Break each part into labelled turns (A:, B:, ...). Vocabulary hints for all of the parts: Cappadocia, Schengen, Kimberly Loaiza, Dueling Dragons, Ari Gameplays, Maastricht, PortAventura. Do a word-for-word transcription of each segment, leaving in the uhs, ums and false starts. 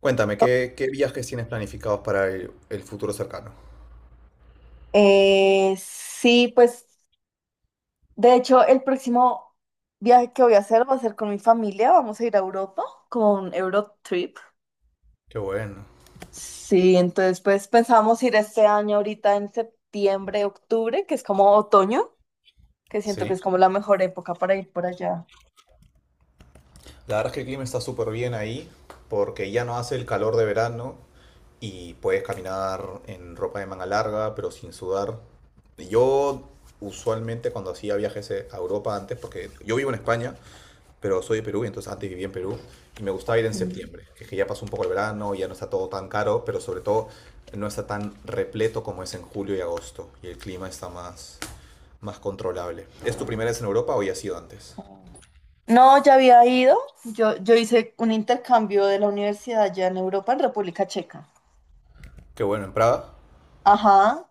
A: Cuéntame, ¿qué, qué viajes tienes planificados para el, el futuro cercano?
B: Eh, sí, pues de hecho el próximo viaje que voy a hacer va a ser con mi familia, vamos a ir a Europa con un Eurotrip.
A: Qué bueno,
B: Sí, entonces pues pensamos ir este año ahorita en septiembre, octubre, que es como otoño, que siento que
A: sí.
B: es como la mejor época para ir por allá.
A: La verdad es que el clima está súper bien ahí porque ya no hace el calor de verano y puedes caminar en ropa de manga larga pero sin sudar. Yo usualmente cuando hacía viajes eh, a Europa antes, porque yo vivo en España, pero soy de Perú, y entonces antes vivía en Perú y me gustaba ir en
B: Mm.
A: septiembre, que es que ya pasó un poco el verano, ya no está todo tan caro, pero sobre todo no está tan repleto como es en julio y agosto y el clima está más... más controlable. ¿Es tu primera vez en Europa o ya ha sido antes?
B: No, ya había ido. Yo, yo hice un intercambio de la universidad allá en Europa, en República Checa.
A: Qué bueno, en Praga.
B: Ajá.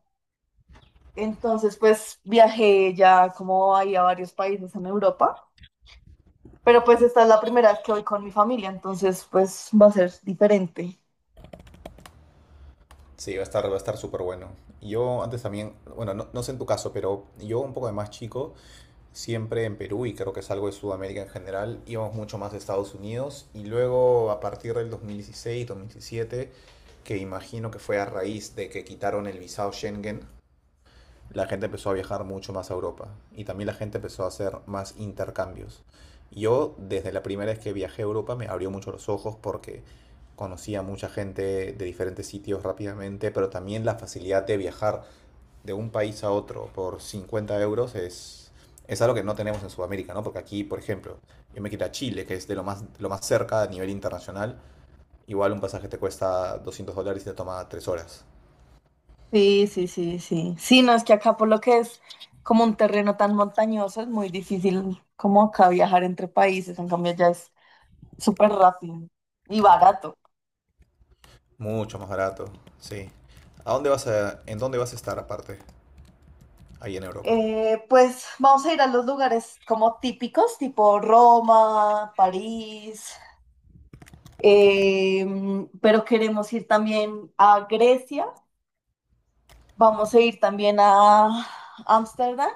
B: Entonces, pues viajé ya como ahí a varios países en Europa. Pero pues esta es la primera vez que voy con mi familia, entonces pues va a ser diferente.
A: Sí, va a estar, va a estar súper bueno. Yo antes también, bueno, no, no sé en tu caso, pero yo un poco de más chico, siempre en Perú y creo que es algo de Sudamérica en general, íbamos mucho más a Estados Unidos y luego a partir del dos mil dieciséis, dos mil diecisiete, que imagino que fue a raíz de que quitaron el visado Schengen, la gente empezó a viajar mucho más a Europa y también la gente empezó a hacer más intercambios. Yo, desde la primera vez que viajé a Europa, me abrió mucho los ojos porque conocía a mucha gente de diferentes sitios rápidamente, pero también la facilidad de viajar de un país a otro por cincuenta euros es, es algo que no tenemos en Sudamérica, ¿no? Porque aquí, por ejemplo, yo me quito a Chile, que es de lo más, lo más cerca a nivel internacional, igual un pasaje te cuesta doscientos dólares y te toma tres horas.
B: Sí, sí, sí, sí. Sí, no es que acá por lo que es como un terreno tan montañoso, es muy difícil como acá viajar entre países. En cambio, ya es súper rápido y barato.
A: Mucho más barato, sí. ¿A dónde vas a, en dónde vas a estar aparte? Ahí en Europa.
B: Eh, pues vamos a ir a los lugares como típicos, tipo Roma, París, eh, pero queremos ir también a Grecia, vamos a ir también a Ámsterdam,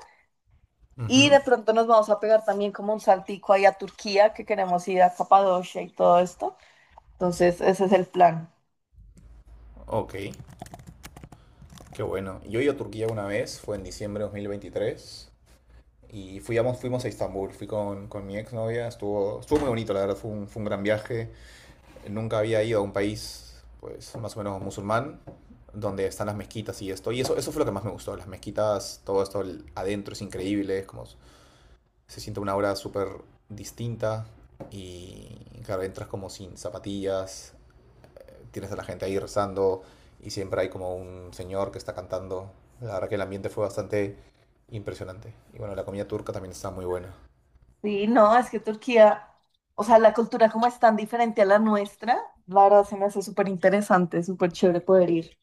B: y
A: Ujú.
B: de pronto nos vamos a pegar también como un saltico ahí a Turquía, que queremos ir a Capadocia y todo esto. Entonces, ese es el plan.
A: Ok, qué bueno. Yo he ido a Turquía una vez, fue en diciembre de dos mil veintitrés, y fuimos, fuimos a Estambul, fui con, con mi exnovia, estuvo, estuvo muy bonito, la verdad, fue un, fue un gran viaje. Nunca había ido a un país, pues, más o menos musulmán, donde están las mezquitas y esto, y eso, eso fue lo que más me gustó, las mezquitas, todo esto el- adentro es increíble, es como se siente una aura súper distinta y claro, entras como sin zapatillas, tienes a la gente ahí rezando y siempre hay como un señor que está cantando. La verdad que el ambiente fue bastante impresionante. Y bueno, la comida turca también está muy buena.
B: Sí, no, es que Turquía, o sea, la cultura como es tan diferente a la nuestra, la verdad se me hace súper interesante, súper chévere poder ir.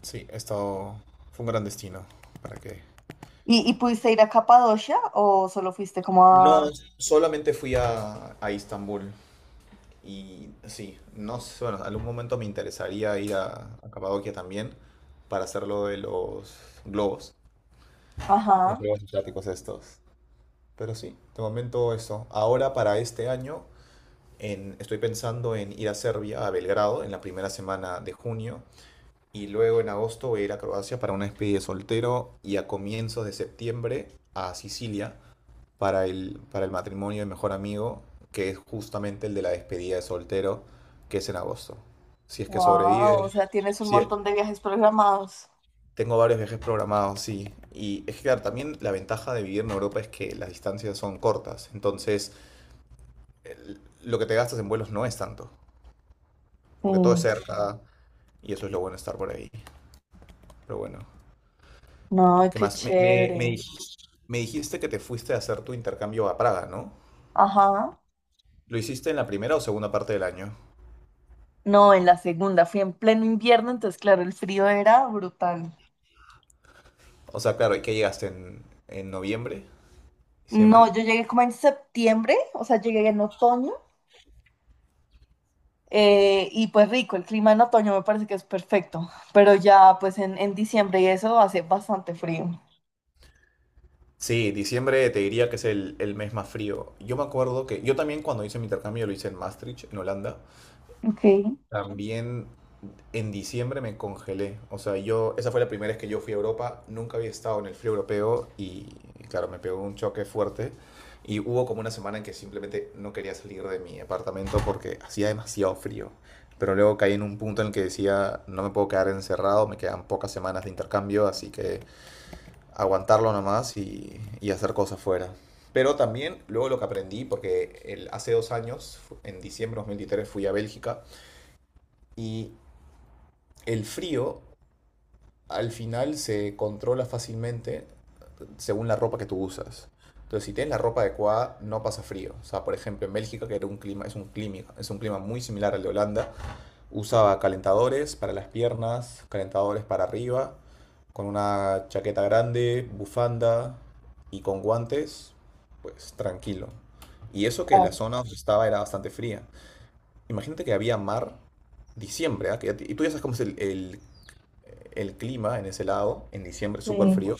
A: Sí, esto fue un gran destino. ¿Para qué
B: ¿Y, y pudiste ir a Capadocia o solo fuiste como
A: No,
B: a...
A: solamente fui a, a Istambul. Y sí, no sé, bueno, algún momento me interesaría ir a, a Capadocia también para hacerlo de los globos. Los
B: Ajá,
A: juegos asiáticos estos. Pero sí, de momento eso. Ahora para este año en- estoy pensando en ir a Serbia, a Belgrado, en la primera semana de junio. Y luego en agosto voy a ir a Croacia para una despedida de soltero y a comienzos de septiembre a Sicilia para el, para el matrimonio de mejor amigo, que es justamente el de la despedida de soltero, que es en agosto. Si es que
B: wow,
A: sobrevive,
B: o sea, tienes un
A: si,
B: montón de viajes programados.
A: tengo varios viajes programados, sí. Y es que, claro, también la ventaja de vivir en Europa es que las distancias son cortas. Entonces, el- lo que te gastas en vuelos no es tanto,
B: Sí,
A: porque todo es cerca y eso es lo bueno de estar por ahí. Pero bueno,
B: no,
A: ¿qué
B: qué
A: más? Me, me-
B: chévere.
A: me dij- me dijiste que te fuiste a hacer tu intercambio a Praga, ¿no?
B: Ajá.
A: ¿Lo hiciste en la primera o segunda parte del año?
B: No, en la segunda fui en pleno invierno, entonces claro, el frío era brutal.
A: O sea, claro, ¿y qué llegaste en, en noviembre?
B: No,
A: ¿Diciembre?
B: yo llegué como en septiembre, o sea, llegué en otoño, eh, y pues rico, el clima en otoño me parece que es perfecto, pero ya pues en, en diciembre y eso hace bastante frío.
A: Sí, diciembre te diría que es el, el mes más frío. Yo me acuerdo que yo también cuando hice mi intercambio lo hice en Maastricht, en Holanda.
B: Ok,
A: También en diciembre me congelé. O sea, yo, esa fue la primera vez que yo fui a Europa. Nunca había estado en el frío europeo y, claro, me pegó un choque fuerte. Y hubo como una semana en que simplemente no quería salir de mi apartamento porque hacía demasiado frío. Pero luego caí en un punto en el que decía, no me puedo quedar encerrado, me quedan pocas semanas de intercambio, así que aguantarlo nomás y, y hacer cosas fuera. Pero también luego lo que aprendí, porque el, hace dos años, fu- en diciembre de dos mil veintitrés, fui a Bélgica y el frío al final se controla fácilmente según la ropa que tú usas. Entonces, si tienes la ropa adecuada, no pasa frío. O sea, por ejemplo, en Bélgica, que era un clima, es un clima, es un clima muy similar al de Holanda, usaba calentadores para las piernas, calentadores para arriba, con una chaqueta grande, bufanda y con guantes, pues tranquilo. Y eso que la
B: claro.
A: zona donde estaba era bastante fría. Imagínate que había mar diciembre, ¿ah? Que ya te- y tú ya sabes cómo es el, el el clima en ese lado, en diciembre súper
B: Sí.
A: frío,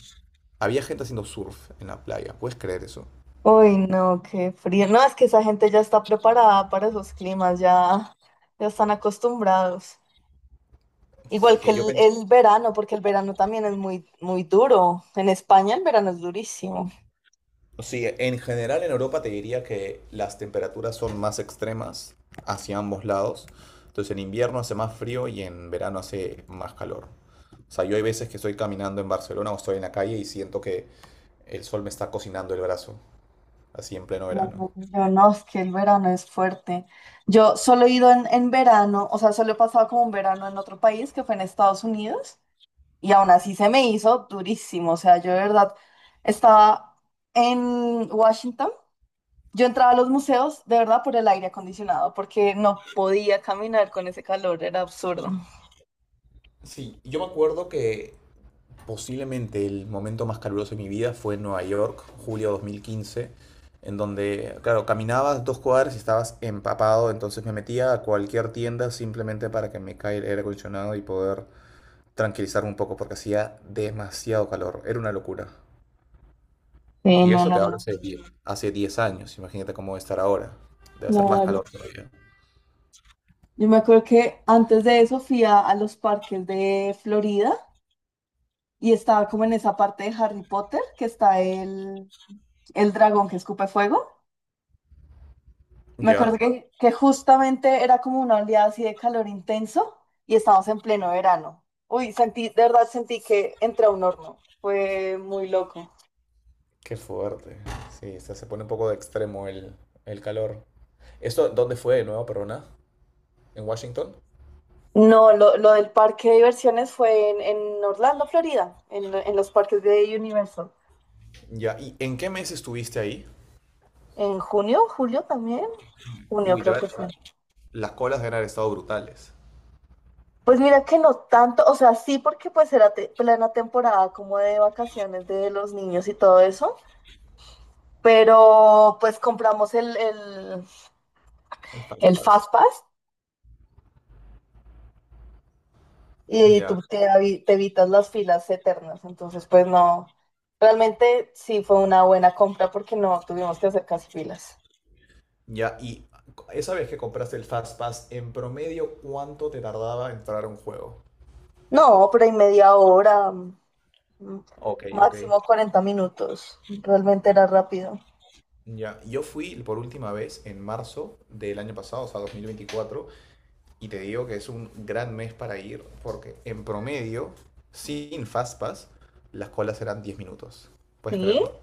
A: había gente haciendo surf en la playa. ¿Puedes creer eso?
B: Uy, no, qué frío. No, es que esa gente ya está preparada para esos climas, ya, ya están acostumbrados. Igual
A: Sí,
B: que
A: que yo
B: el,
A: pens-
B: el verano, porque el verano también es muy, muy duro. En España el verano es durísimo.
A: sí, en general en Europa te diría que las temperaturas son más extremas hacia ambos lados. Entonces en invierno hace más frío y en verano hace más calor. O sea, yo hay veces que estoy caminando en Barcelona o estoy en la calle y siento que el sol me está cocinando el brazo, así en pleno
B: No,
A: verano.
B: yo no, es que el verano es fuerte. Yo solo he ido en, en verano, o sea, solo he pasado como un verano en otro país, que fue en Estados Unidos, y aún así se me hizo durísimo. O sea, yo de verdad estaba en Washington. Yo entraba a los museos de verdad por el aire acondicionado, porque no podía caminar con ese calor, era absurdo.
A: Sí, yo me acuerdo que posiblemente el momento más caluroso de mi vida fue en Nueva York, julio de dos mil quince, en donde, claro, caminabas dos cuadras y estabas empapado, entonces me metía a cualquier tienda simplemente para que me caiga el aire acondicionado y poder tranquilizarme un poco porque hacía demasiado calor, era una locura.
B: Sí,
A: Y
B: no,
A: eso te
B: no,
A: hablo
B: no.
A: hace diez hace diez años, imagínate cómo debe estar ahora, debe hacer más
B: Claro.
A: calor todavía.
B: Yo me acuerdo que antes de eso fui a, a los parques de Florida y estaba como en esa parte de Harry Potter que está el, el dragón que escupe fuego. Me acuerdo
A: ¿Ya?
B: que, que justamente era como una oleada así de calor intenso y estábamos en pleno verano. Uy, sentí, de verdad sentí que entré a un horno. Fue muy loco.
A: Qué fuerte. Sí, o sea, se pone un poco de extremo el, el calor. ¿Esto dónde fue de nuevo, perdona? ¿En Washington?
B: No, lo, lo del parque de diversiones fue en, en Orlando, Florida, en, en los parques de Universal.
A: Ya, ¿y en qué mes estuviste ahí?
B: ¿En junio? ¿Julio también? Junio
A: Uy,
B: creo
A: debe
B: que fue.
A: las colas deben haber estado brutales.
B: Pues mira que no tanto, o sea, sí porque pues era te- plena temporada como de vacaciones de los niños y todo eso, pero pues compramos el, el,
A: El Fast
B: el
A: Pass.
B: Fast Pass y
A: Ya,
B: tú te, avi- te evitas las filas eternas, entonces pues no, realmente sí fue una buena compra porque no tuvimos que hacer casi filas.
A: ya, y esa vez que compraste el Fast Pass, en promedio, ¿cuánto te tardaba entrar a un juego?
B: No, pero en media hora, mm,
A: Ok, ok.
B: máximo cuarenta minutos. Realmente era rápido.
A: Ya, yo fui por última vez en marzo del año pasado, o sea, dos mil veinticuatro y te digo que es un gran mes para ir, porque en promedio, sin Fast Pass, las colas eran diez minutos. ¿Puedes
B: ¿Sí?
A: creerlo?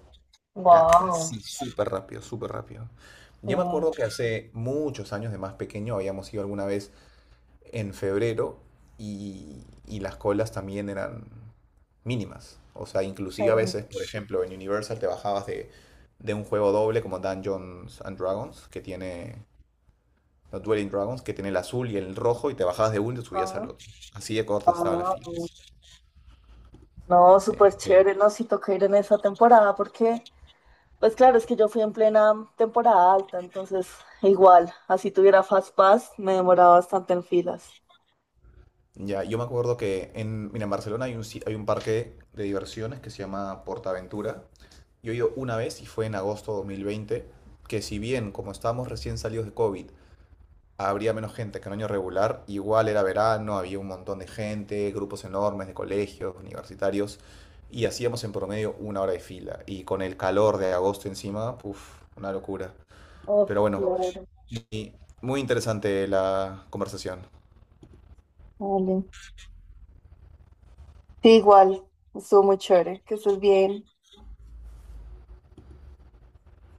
A: Era
B: Wow.
A: así, súper rápido, súper rápido.
B: Eh,
A: Ya me acuerdo que hace muchos años de más pequeño habíamos ido alguna vez en febrero y, y las colas también eran mínimas. O sea, inclusive a veces, por ejemplo, en Universal te bajabas de, de un juego doble como Dungeons and Dragons, que tiene, no, Dueling Dragons, que tiene el azul y el rojo, y te bajabas de uno y te subías
B: ah,
A: al otro. Así de cortas estaban las
B: ah,
A: filas.
B: no,
A: Sí.
B: súper chévere, no, sí toca ir en esa temporada porque, pues claro, es que yo fui en plena temporada alta, entonces igual, así tuviera Fast Pass, me demoraba bastante en filas.
A: Ya, yo me acuerdo que en, mira, en Barcelona hay un, si- hay un parque de diversiones que se llama PortAventura. Yo he ido una vez y fue en agosto de dos mil veinte, que si bien como estábamos recién salidos de COVID, habría menos gente que en año regular, igual era verano, había un montón de gente, grupos enormes de colegios, universitarios, y hacíamos en promedio una hora de fila. Y con el calor de agosto encima, uff, una locura. Pero
B: Uf,
A: bueno,
B: claro.
A: y muy interesante la conversación.
B: Vale. Sí, igual, estuvo muy chévere, que estés bien.